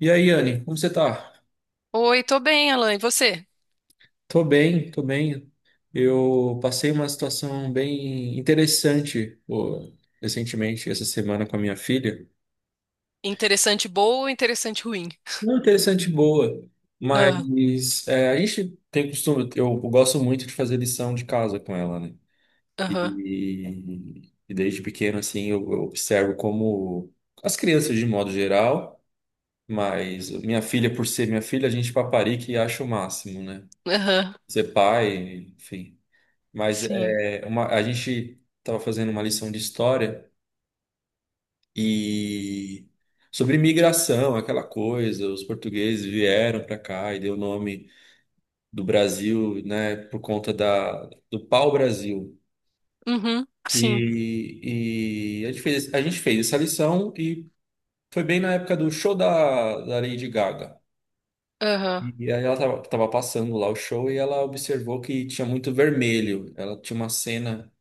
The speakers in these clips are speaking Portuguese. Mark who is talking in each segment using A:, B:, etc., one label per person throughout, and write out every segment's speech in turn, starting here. A: E aí, Anne, como você tá?
B: Oi, tô bem, Alan. E você?
A: Tô bem, tô bem. Eu passei uma situação bem interessante, pô, recentemente, essa semana com a minha filha.
B: Interessante boa ou interessante ruim?
A: Não interessante, boa,
B: Ah,
A: mas é, a gente tem costume, eu gosto muito de fazer lição de casa com ela, né?
B: aham,
A: E desde pequeno, assim, eu observo como as crianças, de modo geral, mas minha filha, por ser minha filha, a gente paparica e acha o máximo, né?
B: aham,
A: Ser pai, enfim. Mas
B: sim.
A: é, uma, a gente estava fazendo uma lição de história e sobre imigração, aquela coisa, os portugueses vieram para cá e deu o nome do Brasil, né, por conta da, do pau-brasil.
B: Uhum, sim.
A: E a gente fez essa lição e foi bem na época do show da, da Lady Gaga.
B: Aham,
A: E aí ela tava, tava passando lá o show e ela observou que tinha muito vermelho. Ela tinha uma cena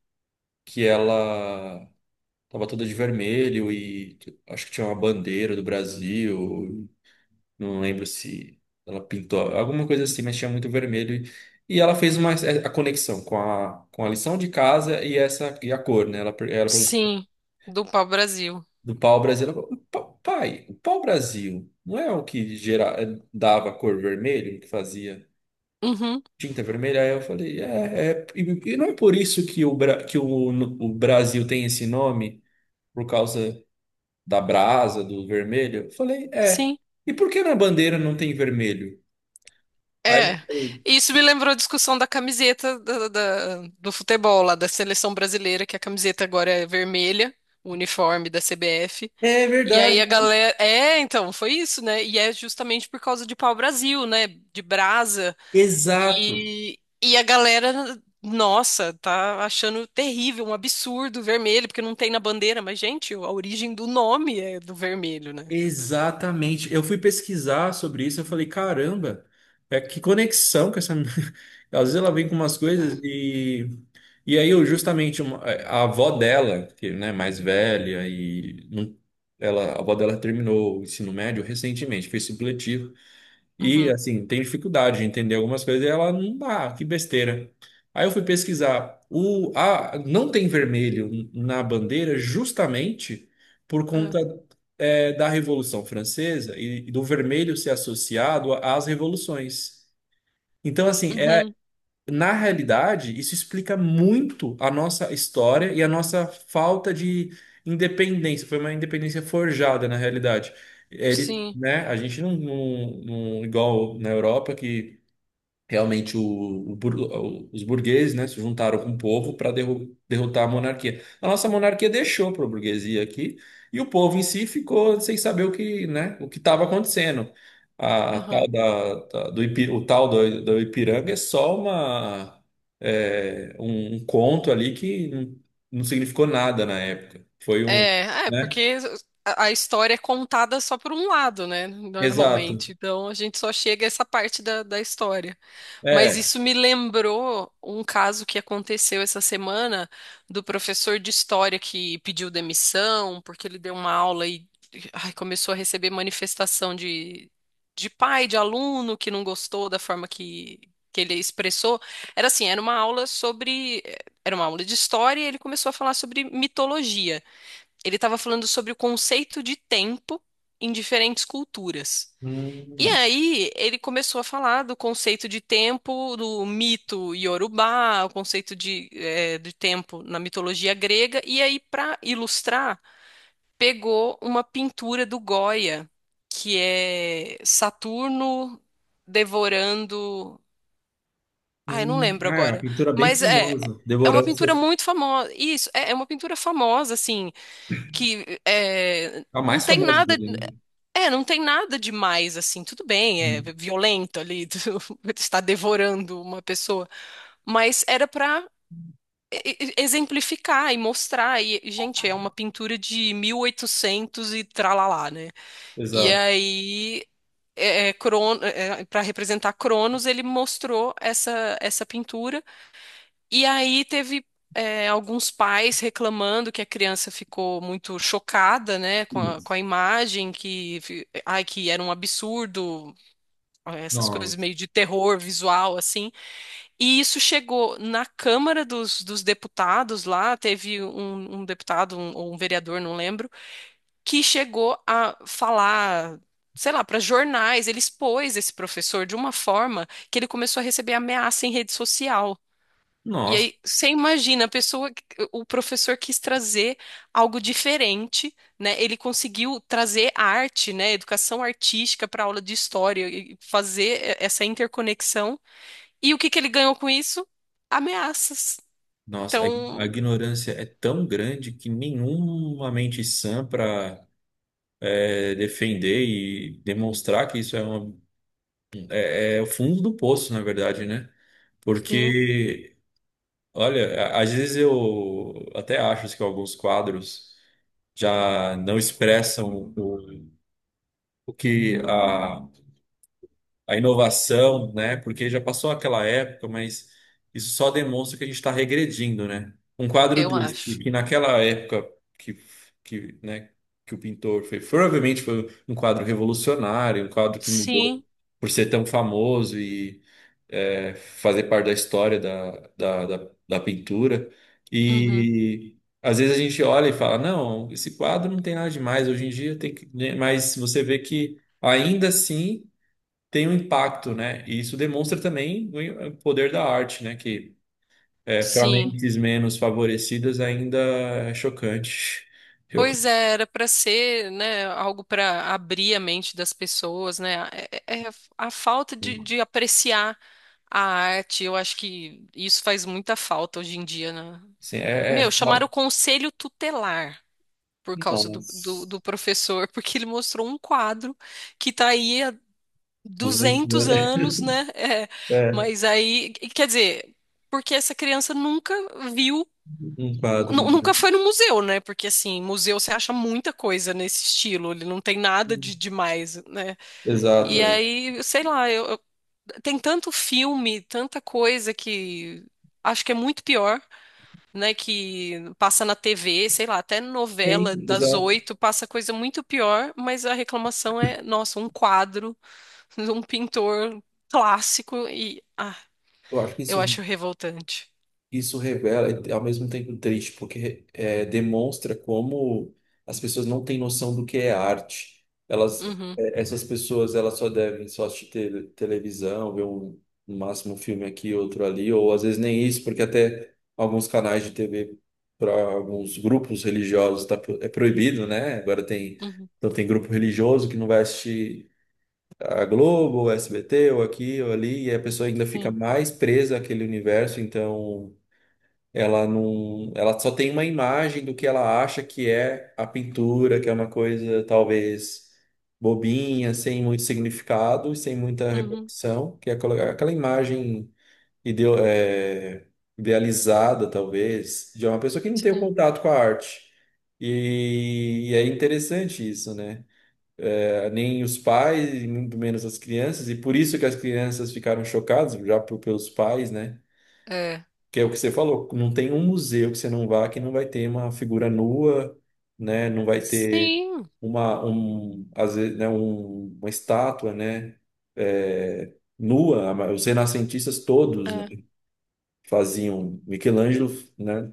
A: que ela tava toda de vermelho e tipo, acho que tinha uma bandeira do Brasil. Não lembro se ela pintou alguma coisa assim, mas tinha muito vermelho. E ela fez uma, é, a conexão com a lição de casa e essa e a cor, né? Ela, ela perguntou
B: sim. Do pau-brasil.
A: do pau-brasil. Ela falou, Pai, o pau-brasil não é o que gera, é, dava a cor vermelho, que fazia
B: Uhum,
A: tinta vermelha? Aí eu falei, é, é e não é por isso que o, que o Brasil tem esse nome, por causa. Da brasa, do vermelho? Eu falei, é.
B: sim.
A: E por que na bandeira não tem vermelho? Aí eu
B: É.
A: falei,
B: Isso me lembrou a discussão da camiseta do futebol lá, da seleção brasileira, que a camiseta agora é vermelha, o uniforme da CBF.
A: é
B: E
A: verdade.
B: aí a galera. É, então, foi isso, né? E é justamente por causa de pau-brasil, né? De brasa.
A: Exato,
B: E a galera, nossa, tá achando terrível, um absurdo vermelho, porque não tem na bandeira, mas, gente, a origem do nome é do vermelho, né?
A: exatamente. Eu fui pesquisar sobre isso, eu falei, caramba, é que conexão com essa. Às vezes ela vem com umas coisas
B: É.
A: e. E aí, eu, justamente, é, a avó dela, que né, mais velha, e ela, a avó dela terminou o ensino médio recentemente, fez supletivo. E
B: Uhum.
A: assim, tem dificuldade de entender algumas coisas e ela não dá, que besteira. Aí eu fui pesquisar. O, a, não tem vermelho na bandeira justamente por
B: É.
A: conta é, da Revolução Francesa e do vermelho ser associado às revoluções. Então, assim,
B: Uhum.
A: na realidade, isso explica muito a nossa história e a nossa falta de independência. Foi uma independência forjada, na realidade. Eles,
B: Sim.
A: né, a gente não, não, igual na Europa, que realmente, o os burgueses, né, se juntaram com o povo para derrotar a monarquia. A nossa monarquia deixou para a burguesia aqui e o povo em si ficou sem saber o que, né, o que estava acontecendo. A tal da, do, o tal do, do Ipiranga é só uma, é, um conto ali que não, não significou nada na época. Foi um, né?
B: Porque a história é contada só por um lado, né?
A: Exato.
B: Normalmente. Então a gente só chega a essa parte da história. Mas
A: É.
B: isso me lembrou um caso que aconteceu essa semana do professor de história que pediu demissão porque ele deu uma aula e ai, começou a receber manifestação de pai, de aluno que não gostou da forma que ele expressou. Era assim, era uma aula sobre. Era uma aula de história e ele começou a falar sobre mitologia. Ele estava falando sobre o conceito de tempo em diferentes culturas. E
A: Hum.
B: aí ele começou a falar do conceito de tempo do mito Yorubá, o conceito de, de tempo na mitologia grega. E aí, para ilustrar, pegou uma pintura do Goya, que é Saturno devorando. Ah, eu não
A: Hum.
B: lembro
A: Ah, é uma
B: agora.
A: pintura bem
B: Mas é,
A: famosa.
B: é uma
A: Devorando,
B: pintura muito famosa. Isso, é uma pintura famosa, assim,
A: a
B: não
A: mais
B: tem
A: famosa
B: nada,
A: dele, né?
B: é, não tem nada demais assim. Tudo bem, é
A: Hum.
B: violento ali, tu está devorando uma pessoa, mas era para exemplificar e mostrar. E, gente, é uma pintura de mil e oitocentos e tralalá, né? E
A: Exato.
B: aí para representar Cronos, ele mostrou essa pintura e aí teve é, alguns pais reclamando que a criança ficou muito chocada, né,
A: Hum.
B: com a imagem, que, ai, que era um absurdo, essas coisas
A: Nossa,
B: meio de terror visual, assim. E isso chegou na Câmara dos Deputados lá, teve um, um deputado ou um vereador, não lembro, que chegou a falar. Sei lá, para jornais, ele expôs esse professor de uma forma que ele começou a receber ameaça em rede social. E
A: nossa,
B: aí, você imagina, a pessoa, o professor quis trazer algo diferente, né? Ele conseguiu trazer arte, né? Educação artística para aula de história e fazer essa interconexão. E o que que ele ganhou com isso? Ameaças.
A: nossa, a
B: Então,
A: ignorância é tão grande que nenhuma mente sã para defender e demonstrar que isso é, uma, é, é o fundo do poço, na verdade, né?
B: sim,
A: Porque, olha, às vezes eu até acho que alguns quadros já não expressam o que a inovação, né? Porque já passou aquela época, mas isso só demonstra que a gente está regredindo, né? Um quadro
B: eu
A: desse,
B: acho.
A: que naquela época que, que, né, que o pintor fez, provavelmente foi um quadro revolucionário, um quadro que mudou
B: Sim,
A: por ser tão famoso e é, fazer parte da história da, da, da, da pintura.
B: uhum,
A: E às vezes a gente olha e fala, não, esse quadro não tem nada demais hoje em dia, tem que... né? Mas você vê que ainda assim tem um impacto, né? E isso demonstra também o poder da arte, né? Que é, para
B: sim.
A: mentes menos favorecidas ainda é chocante. Eu,
B: Pois é, era para ser, né, algo para abrir a mente das pessoas, né? É a falta de apreciar a arte, eu acho que isso faz muita falta hoje em dia, né?
A: assim, é,
B: Meu,
A: é...
B: chamaram o conselho tutelar por causa
A: Nossa,
B: do professor, porque ele mostrou um quadro que tá aí há
A: 200,
B: 200
A: né?
B: anos, né? É,
A: É,
B: mas aí, quer dizer, porque essa criança nunca viu.
A: um quadro.
B: Nunca foi no museu, né? Porque assim, museu você acha muita coisa nesse estilo, ele não tem nada de demais, né?
A: Exato.
B: E
A: É.
B: aí, sei lá, tem tanto filme, tanta coisa que acho que é muito pior, né? Que passa na TV, sei lá, até
A: Tem,
B: novela das
A: exato.
B: oito passa coisa muito pior, mas a reclamação é, nossa, um quadro, um pintor clássico e ah,
A: Eu acho que isso
B: eu acho revoltante.
A: isso revela, e ao mesmo tempo triste, porque é, demonstra como as pessoas não têm noção do que é arte. Elas,
B: Uhum,
A: é, essas pessoas, elas só devem só assistir televisão, ver um, no máximo um filme aqui, outro ali, ou às vezes nem isso, porque até alguns canais de TV para alguns grupos religiosos tá, é proibido, né? Agora tem,
B: uhum,
A: então tem grupo religioso que não vai assistir a Globo, ou SBT, ou aqui, ou ali, e a pessoa ainda fica
B: sim,
A: mais presa àquele universo, então ela não, ela só tem uma imagem do que ela acha que é a pintura, que é uma coisa talvez bobinha, sem muito significado e sem muita
B: uhum,
A: repercussão, que é aquela aquela imagem é, idealizada, talvez, de uma pessoa que não tem o
B: sim.
A: contato com a arte. E é interessante isso, né? É, nem os pais, e muito menos as crianças, e por isso que as crianças ficaram chocadas, já pelos pais, né?
B: É.
A: Que é o que você falou, não tem um museu que você não vá que não vai ter uma figura nua, né? Não vai ter
B: Sim.
A: uma, um, às vezes, né, uma estátua, né? É, nua. Os renascentistas todos, né,
B: É.
A: faziam. Michelangelo, né?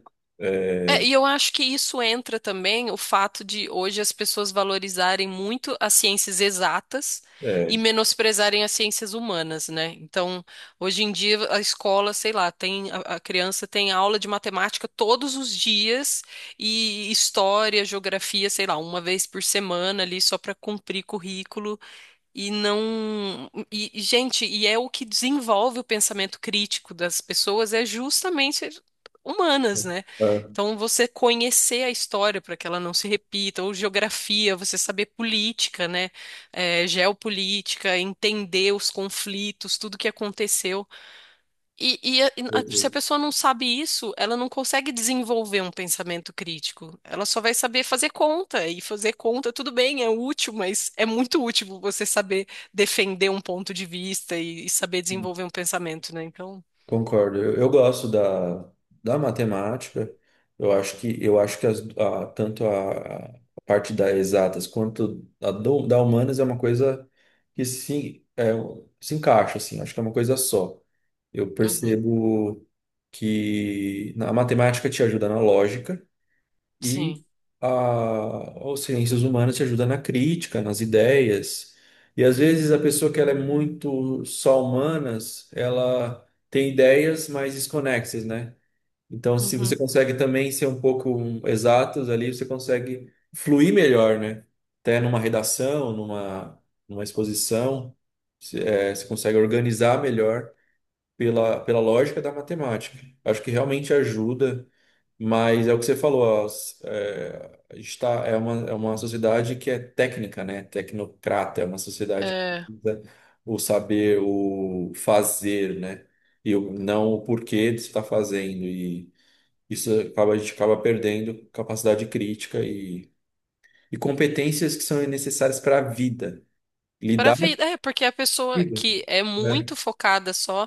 B: É,
A: É,
B: e eu acho que isso entra também o fato de hoje as pessoas valorizarem muito as ciências exatas e
A: é,
B: menosprezarem as ciências humanas, né? Então, hoje em dia a escola, sei lá, tem a criança tem aula de matemática todos os dias e história, geografia, sei lá, uma vez por semana ali só para cumprir currículo. E não. Gente, é o que desenvolve o pensamento crítico das pessoas, é justamente humanas, né?
A: ah,
B: Então, você conhecer a história para que ela não se repita, ou geografia, você saber política, né? É, geopolítica, entender os conflitos, tudo que aconteceu. Se a pessoa não sabe isso, ela não consegue desenvolver um pensamento crítico. Ela só vai saber fazer conta. E fazer conta, tudo bem, é útil, mas é muito útil você saber defender um ponto de vista e saber desenvolver um pensamento, né? Então,
A: concordo. Eu gosto da, da matemática. Eu acho que as, tanto a parte da exatas quanto a da humanas é uma coisa que se, é, se encaixa assim. Acho que é uma coisa só. Eu
B: uhum,
A: percebo que a matemática te ajuda na lógica. E
B: sim.
A: a, as ciências humanas te ajuda na crítica, nas ideias. E às vezes a pessoa que ela é muito só humanas, ela tem ideias mais desconexas, né? Então, se você
B: Uhum.
A: consegue também ser um pouco exatos ali, você consegue fluir melhor, né? Até numa redação, numa, numa exposição, é, você consegue organizar melhor pela, pela lógica da matemática. Acho que realmente ajuda mas é o que você falou, é, a gente é uma sociedade que é técnica, né? Tecnocrata, é uma sociedade que
B: É,
A: usa o saber, o fazer, né? E o, não o porquê de se estar fazendo. E isso acaba, a gente acaba perdendo capacidade crítica e competências que são necessárias para a vida.
B: para a
A: Lidar com a
B: vida, é, porque a pessoa
A: vida.
B: que é
A: Né?
B: muito focada só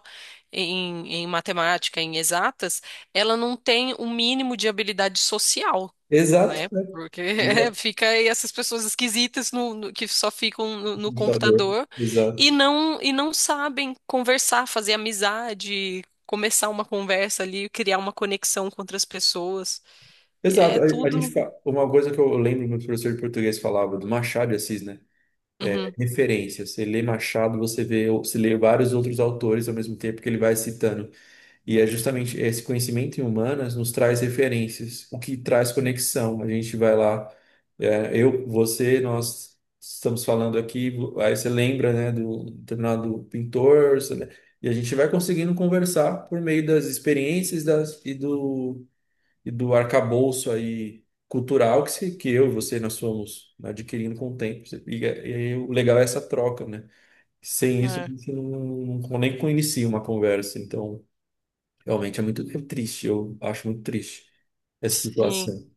B: em matemática, em exatas, ela não tem o mínimo de habilidade social,
A: Exato,
B: né?
A: né?
B: Porque é,
A: Exato.
B: fica aí essas pessoas esquisitas que só ficam no
A: Computador.
B: computador
A: Exato.
B: e não sabem conversar, fazer amizade, começar uma conversa ali, criar uma conexão com outras pessoas. E
A: Exato.
B: é
A: A gente
B: tudo.
A: uma coisa que eu lembro que o professor de português falava do Machado de Assis, né? É
B: Uhum,
A: referência. Você lê Machado, você vê, você lê vários outros autores ao mesmo tempo que ele vai citando. E é justamente esse conhecimento em humanas nos traz referências, o que traz conexão. A gente vai lá, é, eu, você, nós estamos falando aqui, aí você lembra, né, do determinado pintor, você e a gente vai conseguindo conversar por meio das experiências das, e do arcabouço aí cultural que, que eu e você nós fomos adquirindo com o tempo. E, e o legal é essa troca, né? Sem isso, a
B: é.
A: gente não, não nem inicia uma conversa. Então, realmente é muito é triste, eu acho muito triste essa
B: Sim.
A: situação.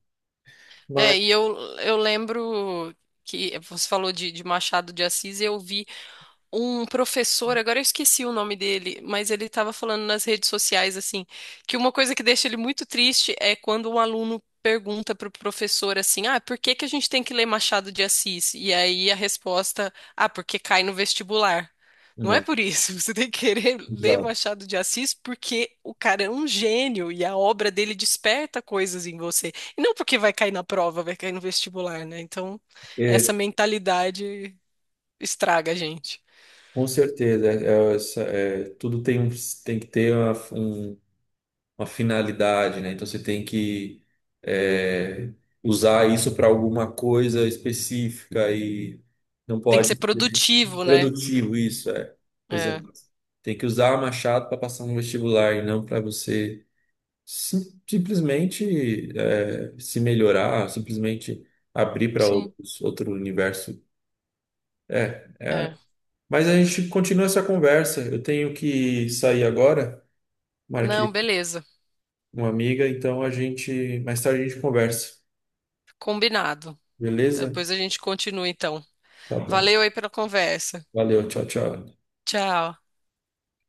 B: É,
A: Mas,
B: e eu lembro que você falou de Machado de Assis, e eu vi um professor, agora eu esqueci o nome dele, mas ele estava falando nas redes sociais assim, que uma coisa que deixa ele muito triste é quando um aluno pergunta para o professor assim: "Ah, por que que a gente tem que ler Machado de Assis?" E aí a resposta: "Ah, porque cai no vestibular." Não é
A: não,
B: por isso, você tem que querer ler
A: exato.
B: Machado de Assis porque o cara é um gênio e a obra dele desperta coisas em você. E não porque vai cair na prova, vai cair no vestibular, né? Então,
A: É,
B: essa mentalidade estraga a gente.
A: com certeza, é, é, é, tudo tem, tem que ter um uma finalidade, né? Então você tem que é, usar isso para alguma coisa específica e não
B: Tem que
A: pode
B: ser
A: ser
B: produtivo, né?
A: produtivo isso, é.
B: É,
A: Exato. Tem que usar Machado para passar no vestibular e não para você simplesmente é, se melhorar, simplesmente abrir para
B: sim,
A: outros outro universo. É.
B: é.
A: Mas a gente continua essa conversa. Eu tenho que sair agora, marquei
B: Não,
A: com
B: beleza.
A: uma amiga, então a gente mais tarde a gente conversa.
B: Combinado.
A: Beleza?
B: Depois a gente continua, então.
A: Tá bom.
B: Valeu aí pela conversa.
A: Valeu, tchau, tchau.
B: Tchau.